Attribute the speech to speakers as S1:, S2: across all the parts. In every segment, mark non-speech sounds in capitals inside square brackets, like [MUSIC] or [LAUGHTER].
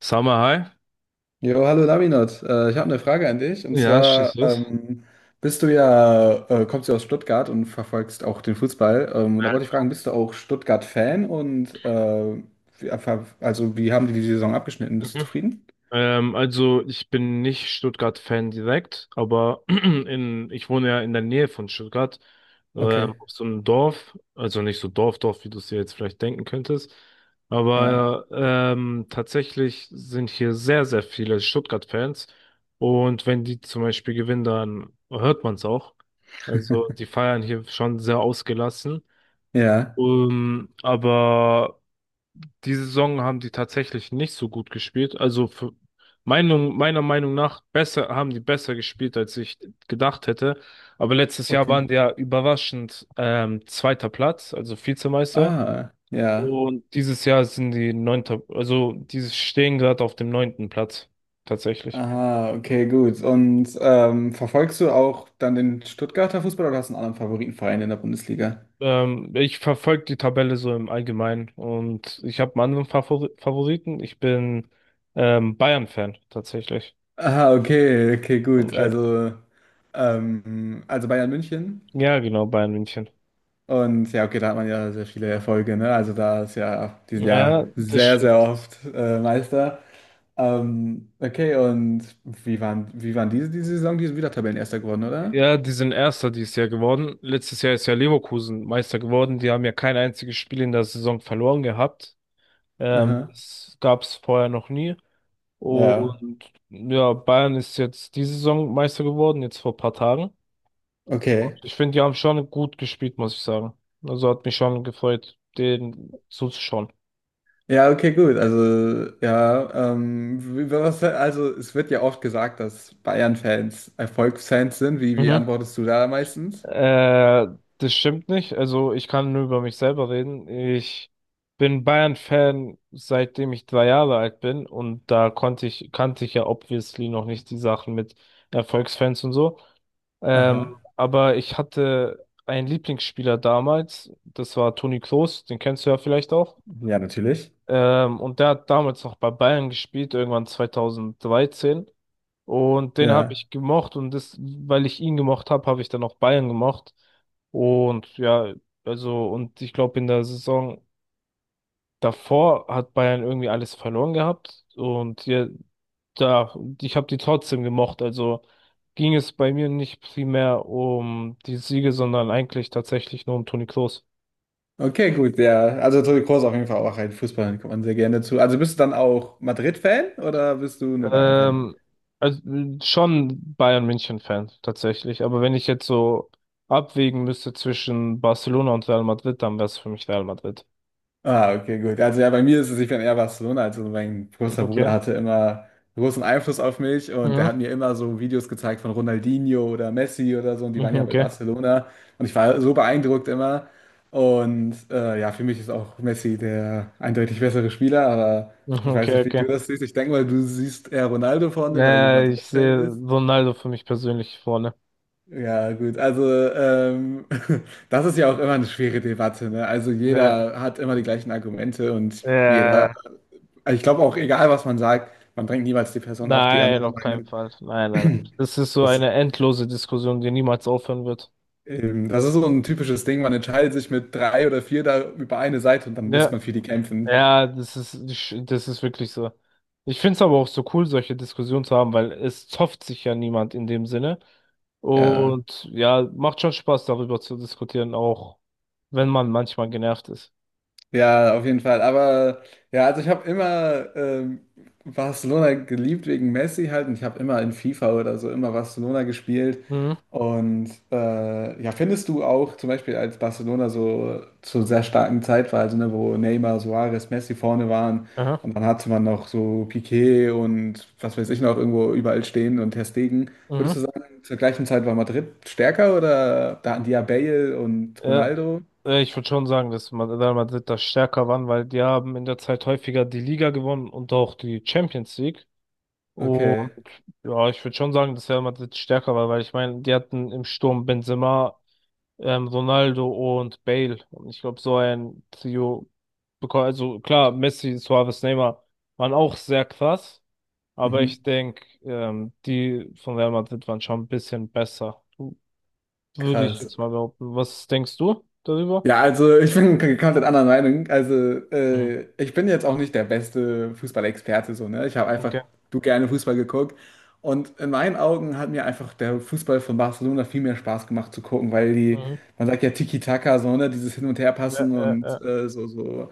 S1: Sag mal, hi.
S2: Jo, hallo Laminat. Ich habe eine Frage an dich. Und
S1: Ja,
S2: zwar
S1: schieß los.
S2: bist du ja, kommst du aus Stuttgart und verfolgst auch den Fußball. Und da
S1: Ja,
S2: wollte ich fragen,
S1: genau.
S2: bist du auch Stuttgart-Fan? Und wie, also wie haben die die Saison abgeschnitten? Bist du
S1: Mhm.
S2: zufrieden?
S1: Also ich bin nicht Stuttgart-Fan direkt, aber [CLEARS THROAT] ich wohne ja in der Nähe von Stuttgart,
S2: Okay,
S1: auf so einem Dorf, also nicht so Dorf, Dorf, wie du es dir jetzt vielleicht denken könntest,
S2: ja.
S1: aber tatsächlich sind hier sehr, sehr viele Stuttgart-Fans und wenn die zum Beispiel gewinnen, dann hört man es auch. Also
S2: [LAUGHS]
S1: die feiern hier schon sehr ausgelassen.
S2: Ja.
S1: Aber diese Saison haben die tatsächlich nicht so gut gespielt. Also meiner Meinung nach haben die besser gespielt, als ich gedacht hätte. Aber letztes Jahr
S2: Okay.
S1: waren die ja überraschend zweiter Platz, also Vizemeister.
S2: Ah, ja.
S1: Und dieses Jahr sind die neunter, also die stehen gerade auf dem neunten Platz, tatsächlich.
S2: Aha, okay, gut. Und verfolgst du auch dann den Stuttgarter Fußball oder hast du einen anderen Favoritenverein in der Bundesliga?
S1: Ich verfolge die Tabelle so im Allgemeinen und ich habe einen anderen Favoriten. Ich bin Bayern-Fan, tatsächlich.
S2: Aha, okay, okay, gut.
S1: Okay.
S2: Also Bayern München.
S1: Ja, genau, Bayern München.
S2: Und ja, okay, da hat man ja sehr viele Erfolge, ne? Also da ist ja, die sind ja
S1: Ja, das
S2: sehr, sehr
S1: stimmt.
S2: oft Meister. Okay, und wie waren diese Saison? Die sind wieder Tabellenerster geworden, oder?
S1: Ja, die sind Erster dieses Jahr geworden. Letztes Jahr ist ja Leverkusen Meister geworden. Die haben ja kein einziges Spiel in der Saison verloren gehabt.
S2: Aha.
S1: Das gab es vorher noch nie.
S2: Ja,
S1: Und ja, Bayern ist jetzt diese Saison Meister geworden, jetzt vor ein paar Tagen.
S2: okay.
S1: Ich finde, die haben schon gut gespielt, muss ich sagen. Also hat mich schon gefreut, denen zuzuschauen.
S2: Ja, okay, gut. Also, ja, was, also es wird ja oft gesagt, dass Bayern-Fans Erfolgsfans sind. Wie
S1: Mhm.
S2: antwortest du da meistens?
S1: Äh, Das stimmt nicht. Also ich kann nur über mich selber reden. Ich bin Bayern-Fan, seitdem ich 3 Jahre alt bin und da kannte ich ja obviously noch nicht die Sachen mit Erfolgsfans und so. Ähm,
S2: Aha.
S1: aber ich hatte einen Lieblingsspieler damals, das war Toni Kroos, den kennst du ja vielleicht auch.
S2: Ja, natürlich.
S1: Und der hat damals noch bei Bayern gespielt, irgendwann 2013. Und den habe
S2: Ja,
S1: ich gemocht und das, weil ich ihn gemocht habe, habe ich dann auch Bayern gemocht. Und ja, also, und ich glaube, in der Saison davor hat Bayern irgendwie alles verloren gehabt. Und ja, da, ich habe die trotzdem gemocht. Also ging es bei mir nicht primär um die Siege, sondern eigentlich tatsächlich nur um Toni Kroos.
S2: okay, gut, ja. Also Toni Kroos auf jeden Fall auch ein Fußballer, kommt man sehr gerne zu. Also bist du dann auch Madrid-Fan oder bist du nur Bayern-Fan?
S1: Ähm, also schon Bayern München-Fan tatsächlich. Aber wenn ich jetzt so abwägen müsste zwischen Barcelona und Real Madrid, dann wäre es für mich Real Madrid.
S2: Ah, okay, gut. Also ja, bei mir ist es, ich bin eher Barcelona. Also mein großer Bruder
S1: Okay.
S2: hatte immer großen Einfluss auf mich und der
S1: Mhm.
S2: hat mir immer so Videos gezeigt von Ronaldinho oder Messi oder so und die waren
S1: Mhm,
S2: ja bei
S1: okay.
S2: Barcelona und ich war so beeindruckt immer. Und ja, für mich ist auch Messi der eindeutig bessere Spieler, aber
S1: Mhm,
S2: ich
S1: okay,
S2: weiß nicht, wie
S1: okay.
S2: du das siehst. Ich denke mal, du siehst eher Ronaldo vorne, weil du
S1: Ich
S2: Madrid-Fan
S1: sehe
S2: bist.
S1: Ronaldo für mich persönlich vorne.
S2: Ja, gut, also ähm, [LAUGHS] das ist ja auch immer eine schwere Debatte, ne? Also
S1: Ja.
S2: jeder hat immer die gleichen Argumente und
S1: Äh,
S2: jeder, also ich glaube auch egal, was man sagt, man bringt niemals die Person auf die
S1: nein,
S2: andere
S1: auf keinen
S2: Meinung.
S1: Fall. Nein, nein, nein.
S2: [CLEARS THROAT]
S1: Das ist so
S2: Das,
S1: eine endlose Diskussion, die niemals aufhören wird.
S2: Das ist so ein typisches Ding, man entscheidet sich mit drei oder vier da über eine Seite und dann muss
S1: Ja.
S2: man für die kämpfen.
S1: Ja, das ist wirklich so. Ich finde es aber auch so cool, solche Diskussionen zu haben, weil es zofft sich ja niemand in dem Sinne.
S2: Ja.
S1: Und ja, macht schon Spaß, darüber zu diskutieren, auch wenn man manchmal genervt ist.
S2: Ja, auf jeden Fall. Aber ja, also ich habe immer Barcelona geliebt wegen Messi halt. Und ich habe immer in FIFA oder so immer Barcelona gespielt.
S1: Mhm.
S2: Und ja, findest du auch zum Beispiel, als Barcelona so zur sehr starken Zeit war, also ne, wo Neymar, Suarez, Messi vorne waren
S1: Aha.
S2: und dann hatte man noch so Piqué und was weiß ich noch irgendwo überall stehen und Ter Stegen.
S1: Mhm.
S2: Würdest du sagen, zur gleichen Zeit war Madrid stärker oder da hatten die ja Bale und
S1: Ja,
S2: Ronaldo?
S1: ich würde schon sagen, dass man Real Madrid da stärker waren, weil die haben in der Zeit häufiger die Liga gewonnen und auch die Champions League. Und
S2: Okay.
S1: ja, ich würde schon sagen, dass Real Madrid stärker war, weil ich meine, die hatten im Sturm Benzema Ronaldo und Bale. Und ich glaube, so ein Trio bekommt, also klar, Messi, Suarez, Neymar waren auch sehr krass, aber
S2: Mhm.
S1: ich denke, die von Real Madrid waren schon ein bisschen besser. Würde ich
S2: Krass.
S1: jetzt mal behaupten. Was denkst du darüber?
S2: Ja, also ich bin komplett anderer Meinung. Also
S1: Mhm.
S2: ich bin jetzt auch nicht der beste Fußballexperte so, ne? Ich habe einfach
S1: Okay.
S2: du gerne Fußball geguckt. Und in meinen Augen hat mir einfach der Fußball von Barcelona viel mehr Spaß gemacht zu gucken, weil die,
S1: Mhm.
S2: man sagt ja Tiki-Taka, so, ne, dieses Hin- und
S1: Ja,
S2: Herpassen
S1: äh, äh.
S2: und so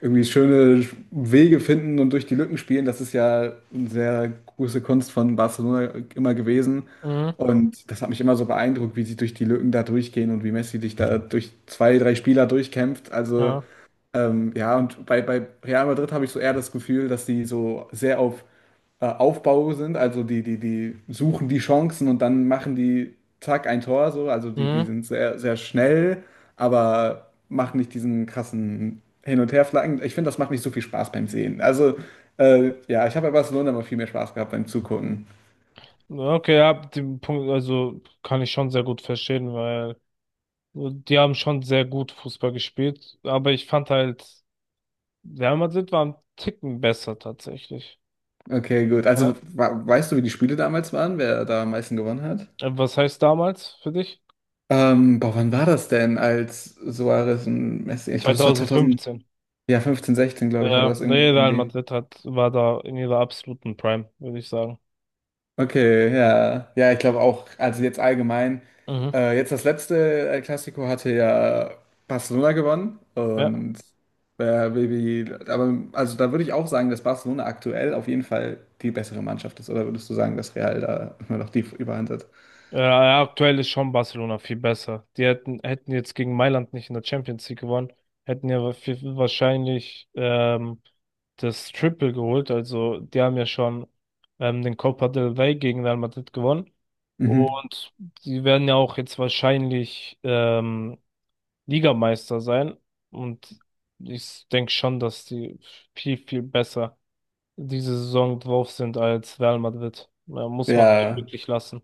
S2: irgendwie schöne Wege finden und durch die Lücken spielen, das ist ja eine sehr große Kunst von Barcelona immer gewesen.
S1: Mhm.
S2: Und das hat mich immer so beeindruckt, wie sie durch die Lücken da durchgehen und wie Messi sich da durch zwei, drei Spieler durchkämpft. Also
S1: Ja.
S2: ja, und bei Real Madrid habe ich so eher das Gefühl, dass die so sehr auf Aufbau sind. Also die suchen die Chancen und dann machen die zack ein Tor so. Also die
S1: Mhm.
S2: sind sehr, sehr schnell, aber machen nicht diesen krassen Hin- und Herflanken. Ich finde, das macht nicht so viel Spaß beim Sehen. Also ja, ich habe bei Barcelona immer viel mehr Spaß gehabt beim Zugucken.
S1: Ja, okay, ja, den Punkt, also kann ich schon sehr gut verstehen, weil die haben schon sehr gut Fußball gespielt, aber ich fand halt Real Madrid war ein Ticken besser tatsächlich.
S2: Okay, gut. Also
S1: Ja.
S2: weißt du, wie die Spiele damals waren, wer da am meisten gewonnen hat?
S1: Was heißt damals für dich?
S2: Boah, wann war das denn, als Suarez und Messi? Ich glaube, das war 2000,
S1: 2015.
S2: ja, 15, 16, glaube ich, war
S1: Ja,
S2: das irgendwie
S1: nee,
S2: so um
S1: Real
S2: die.
S1: Madrid war da in ihrer absoluten Prime, würde ich sagen.
S2: Okay, ja. Ja, ich glaube auch, also jetzt allgemein.
S1: Mhm.
S2: Jetzt das letzte El Clasico hatte ja Barcelona gewonnen
S1: Ja.
S2: und Baby, aber also da würde ich auch sagen, dass Barcelona aktuell auf jeden Fall die bessere Mannschaft ist. Oder würdest du sagen, dass Real da immer noch die Überhand hat?
S1: Aktuell ist schon Barcelona viel besser. Die hätten jetzt gegen Mailand nicht in der Champions League gewonnen, hätten ja wahrscheinlich das Triple geholt. Also die haben ja schon den Copa del Rey gegen Real Madrid gewonnen.
S2: Mhm.
S1: Und die werden ja auch jetzt wahrscheinlich Ligameister sein. Und ich denke schon, dass die viel, viel besser diese Saison drauf sind als Real Madrid. Ja, muss man
S2: Ja,
S1: wirklich lassen.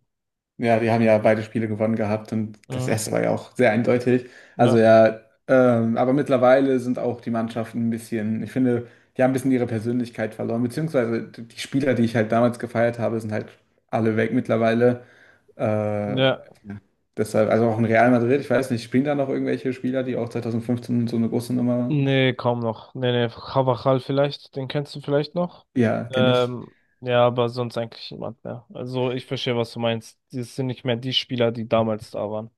S2: ja, die haben ja beide Spiele gewonnen gehabt und das
S1: Mhm.
S2: erste war ja auch sehr eindeutig. Also
S1: Ja.
S2: ja, aber mittlerweile sind auch die Mannschaften ein bisschen, ich finde, die haben ein bisschen ihre Persönlichkeit verloren, beziehungsweise die Spieler, die ich halt damals gefeiert habe, sind halt alle weg mittlerweile. Äh, ja,
S1: Ja,
S2: deshalb, also auch in Real Madrid, ich weiß nicht, spielen da noch irgendwelche Spieler, die auch 2015 so eine große Nummer waren?
S1: nee, kaum noch. Nee, nee, Carvajal vielleicht, den kennst du vielleicht noch.
S2: Ja, kenne ich.
S1: Ähm, ja, aber sonst eigentlich niemand mehr. Also ich verstehe, was du meinst. Das sind nicht mehr die Spieler, die damals da waren.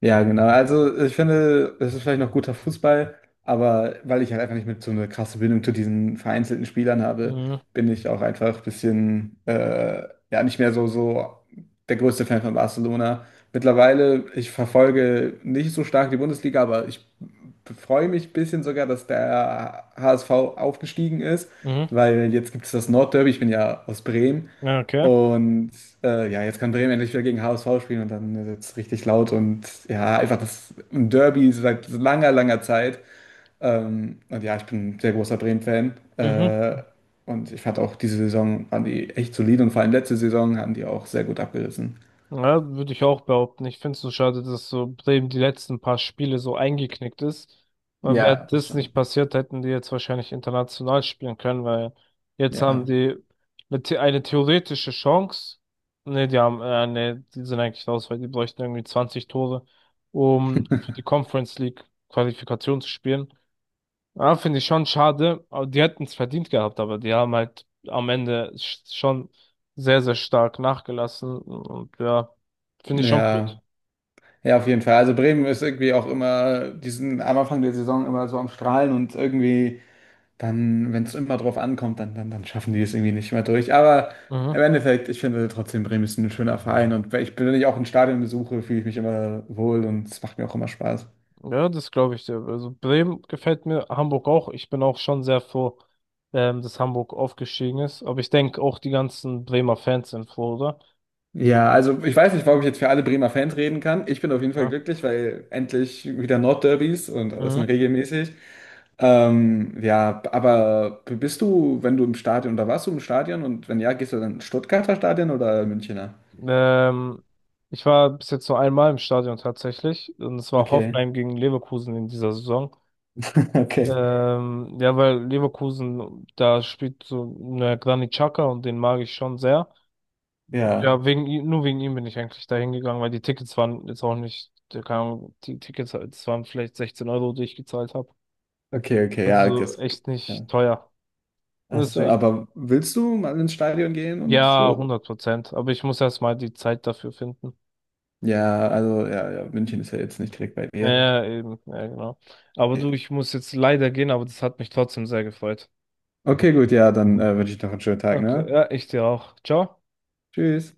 S2: Ja, genau. Also ich finde, es ist vielleicht noch guter Fußball, aber weil ich halt einfach nicht mit so eine krasse Bindung zu diesen vereinzelten Spielern habe,
S1: Mhm.
S2: bin ich auch einfach ein bisschen, ja, nicht mehr so der größte Fan von Barcelona. Mittlerweile, ich verfolge nicht so stark die Bundesliga, aber ich freue mich ein bisschen sogar, dass der HSV aufgestiegen ist,
S1: Mhm.
S2: weil jetzt gibt es das Nordderby. Ich bin ja aus Bremen.
S1: Ja, okay.
S2: Und ja, jetzt kann Bremen endlich wieder gegen HSV spielen und dann wird es richtig laut und ja, einfach das ein Derby seit langer, langer Zeit. Und ja, ich bin ein sehr großer Bremen-Fan.
S1: Mhm.
S2: Und ich fand auch diese Saison waren die echt solide und vor allem letzte Saison haben die auch sehr gut abgerissen.
S1: Ja, würde ich auch behaupten. Ich finde es so schade, dass so Bremen die letzten paar Spiele so eingeknickt ist. Weil wäre
S2: Ja, das
S1: das nicht
S2: stimmt.
S1: passiert, hätten die jetzt wahrscheinlich international spielen können, weil jetzt haben
S2: Ja.
S1: die eine theoretische Chance. Ne, die sind eigentlich raus, weil die bräuchten irgendwie 20 Tore, um für die
S2: [LAUGHS]
S1: Conference League Qualifikation zu spielen. Ja, finde ich schon schade. Aber die hätten es verdient gehabt, aber die haben halt am Ende schon sehr, sehr stark nachgelassen. Und ja, finde ich schon blöd.
S2: Ja, ja, auf jeden Fall. Also Bremen ist irgendwie auch immer, die sind am Anfang der Saison immer so am Strahlen und irgendwie dann, wenn es immer drauf ankommt, dann schaffen die es irgendwie nicht mehr durch. Aber
S1: Mhm.
S2: im Endeffekt, ich finde trotzdem, Bremen ist ein schöner Verein und wenn ich auch ein Stadion besuche, fühle ich mich immer wohl und es macht mir auch immer Spaß.
S1: Ja, das glaube ich dir. Also Bremen gefällt mir, Hamburg auch. Ich bin auch schon sehr froh, dass Hamburg aufgestiegen ist. Aber ich denke auch die ganzen Bremer Fans sind froh, oder?
S2: Ja, also ich weiß nicht, warum ich jetzt für alle Bremer Fans reden kann. Ich bin auf jeden Fall
S1: Ja.
S2: glücklich, weil endlich wieder Nordderbys und alles
S1: Mhm.
S2: sind regelmäßig. Ja, aber bist du, wenn du im Stadion oder warst du im Stadion und wenn ja, gehst du dann ins Stuttgarter Stadion oder Münchner?
S1: Ähm, Ich war bis jetzt nur einmal im Stadion tatsächlich. Und es war
S2: Okay,
S1: Hoffenheim gegen Leverkusen in dieser Saison.
S2: [LAUGHS] okay,
S1: Ja, weil Leverkusen, da spielt so eine Granit Xhaka und den mag ich schon sehr.
S2: ja,
S1: Ja, nur wegen ihm bin ich eigentlich da hingegangen, weil die Tickets waren jetzt auch nicht, keine Ahnung, die Tickets, das waren vielleicht 16 Euro, die ich gezahlt habe.
S2: okay, okay,
S1: Also
S2: ja,
S1: so
S2: das,
S1: echt nicht
S2: ja.
S1: teuer. Und
S2: Achso,
S1: deswegen,
S2: aber willst du mal ins Stadion gehen und
S1: ja,
S2: so?
S1: 100%. Aber ich muss erst mal die Zeit dafür finden.
S2: Ja, also ja, ja, München ist ja jetzt nicht direkt bei
S1: Ja,
S2: dir.
S1: ja, eben, ja, genau. Aber du, ich muss jetzt leider gehen, aber das hat mich trotzdem sehr gefreut.
S2: Okay, gut, ja, dann wünsche ich noch einen schönen Tag,
S1: Okay,
S2: ne?
S1: ja, ich dir auch. Ciao.
S2: Tschüss.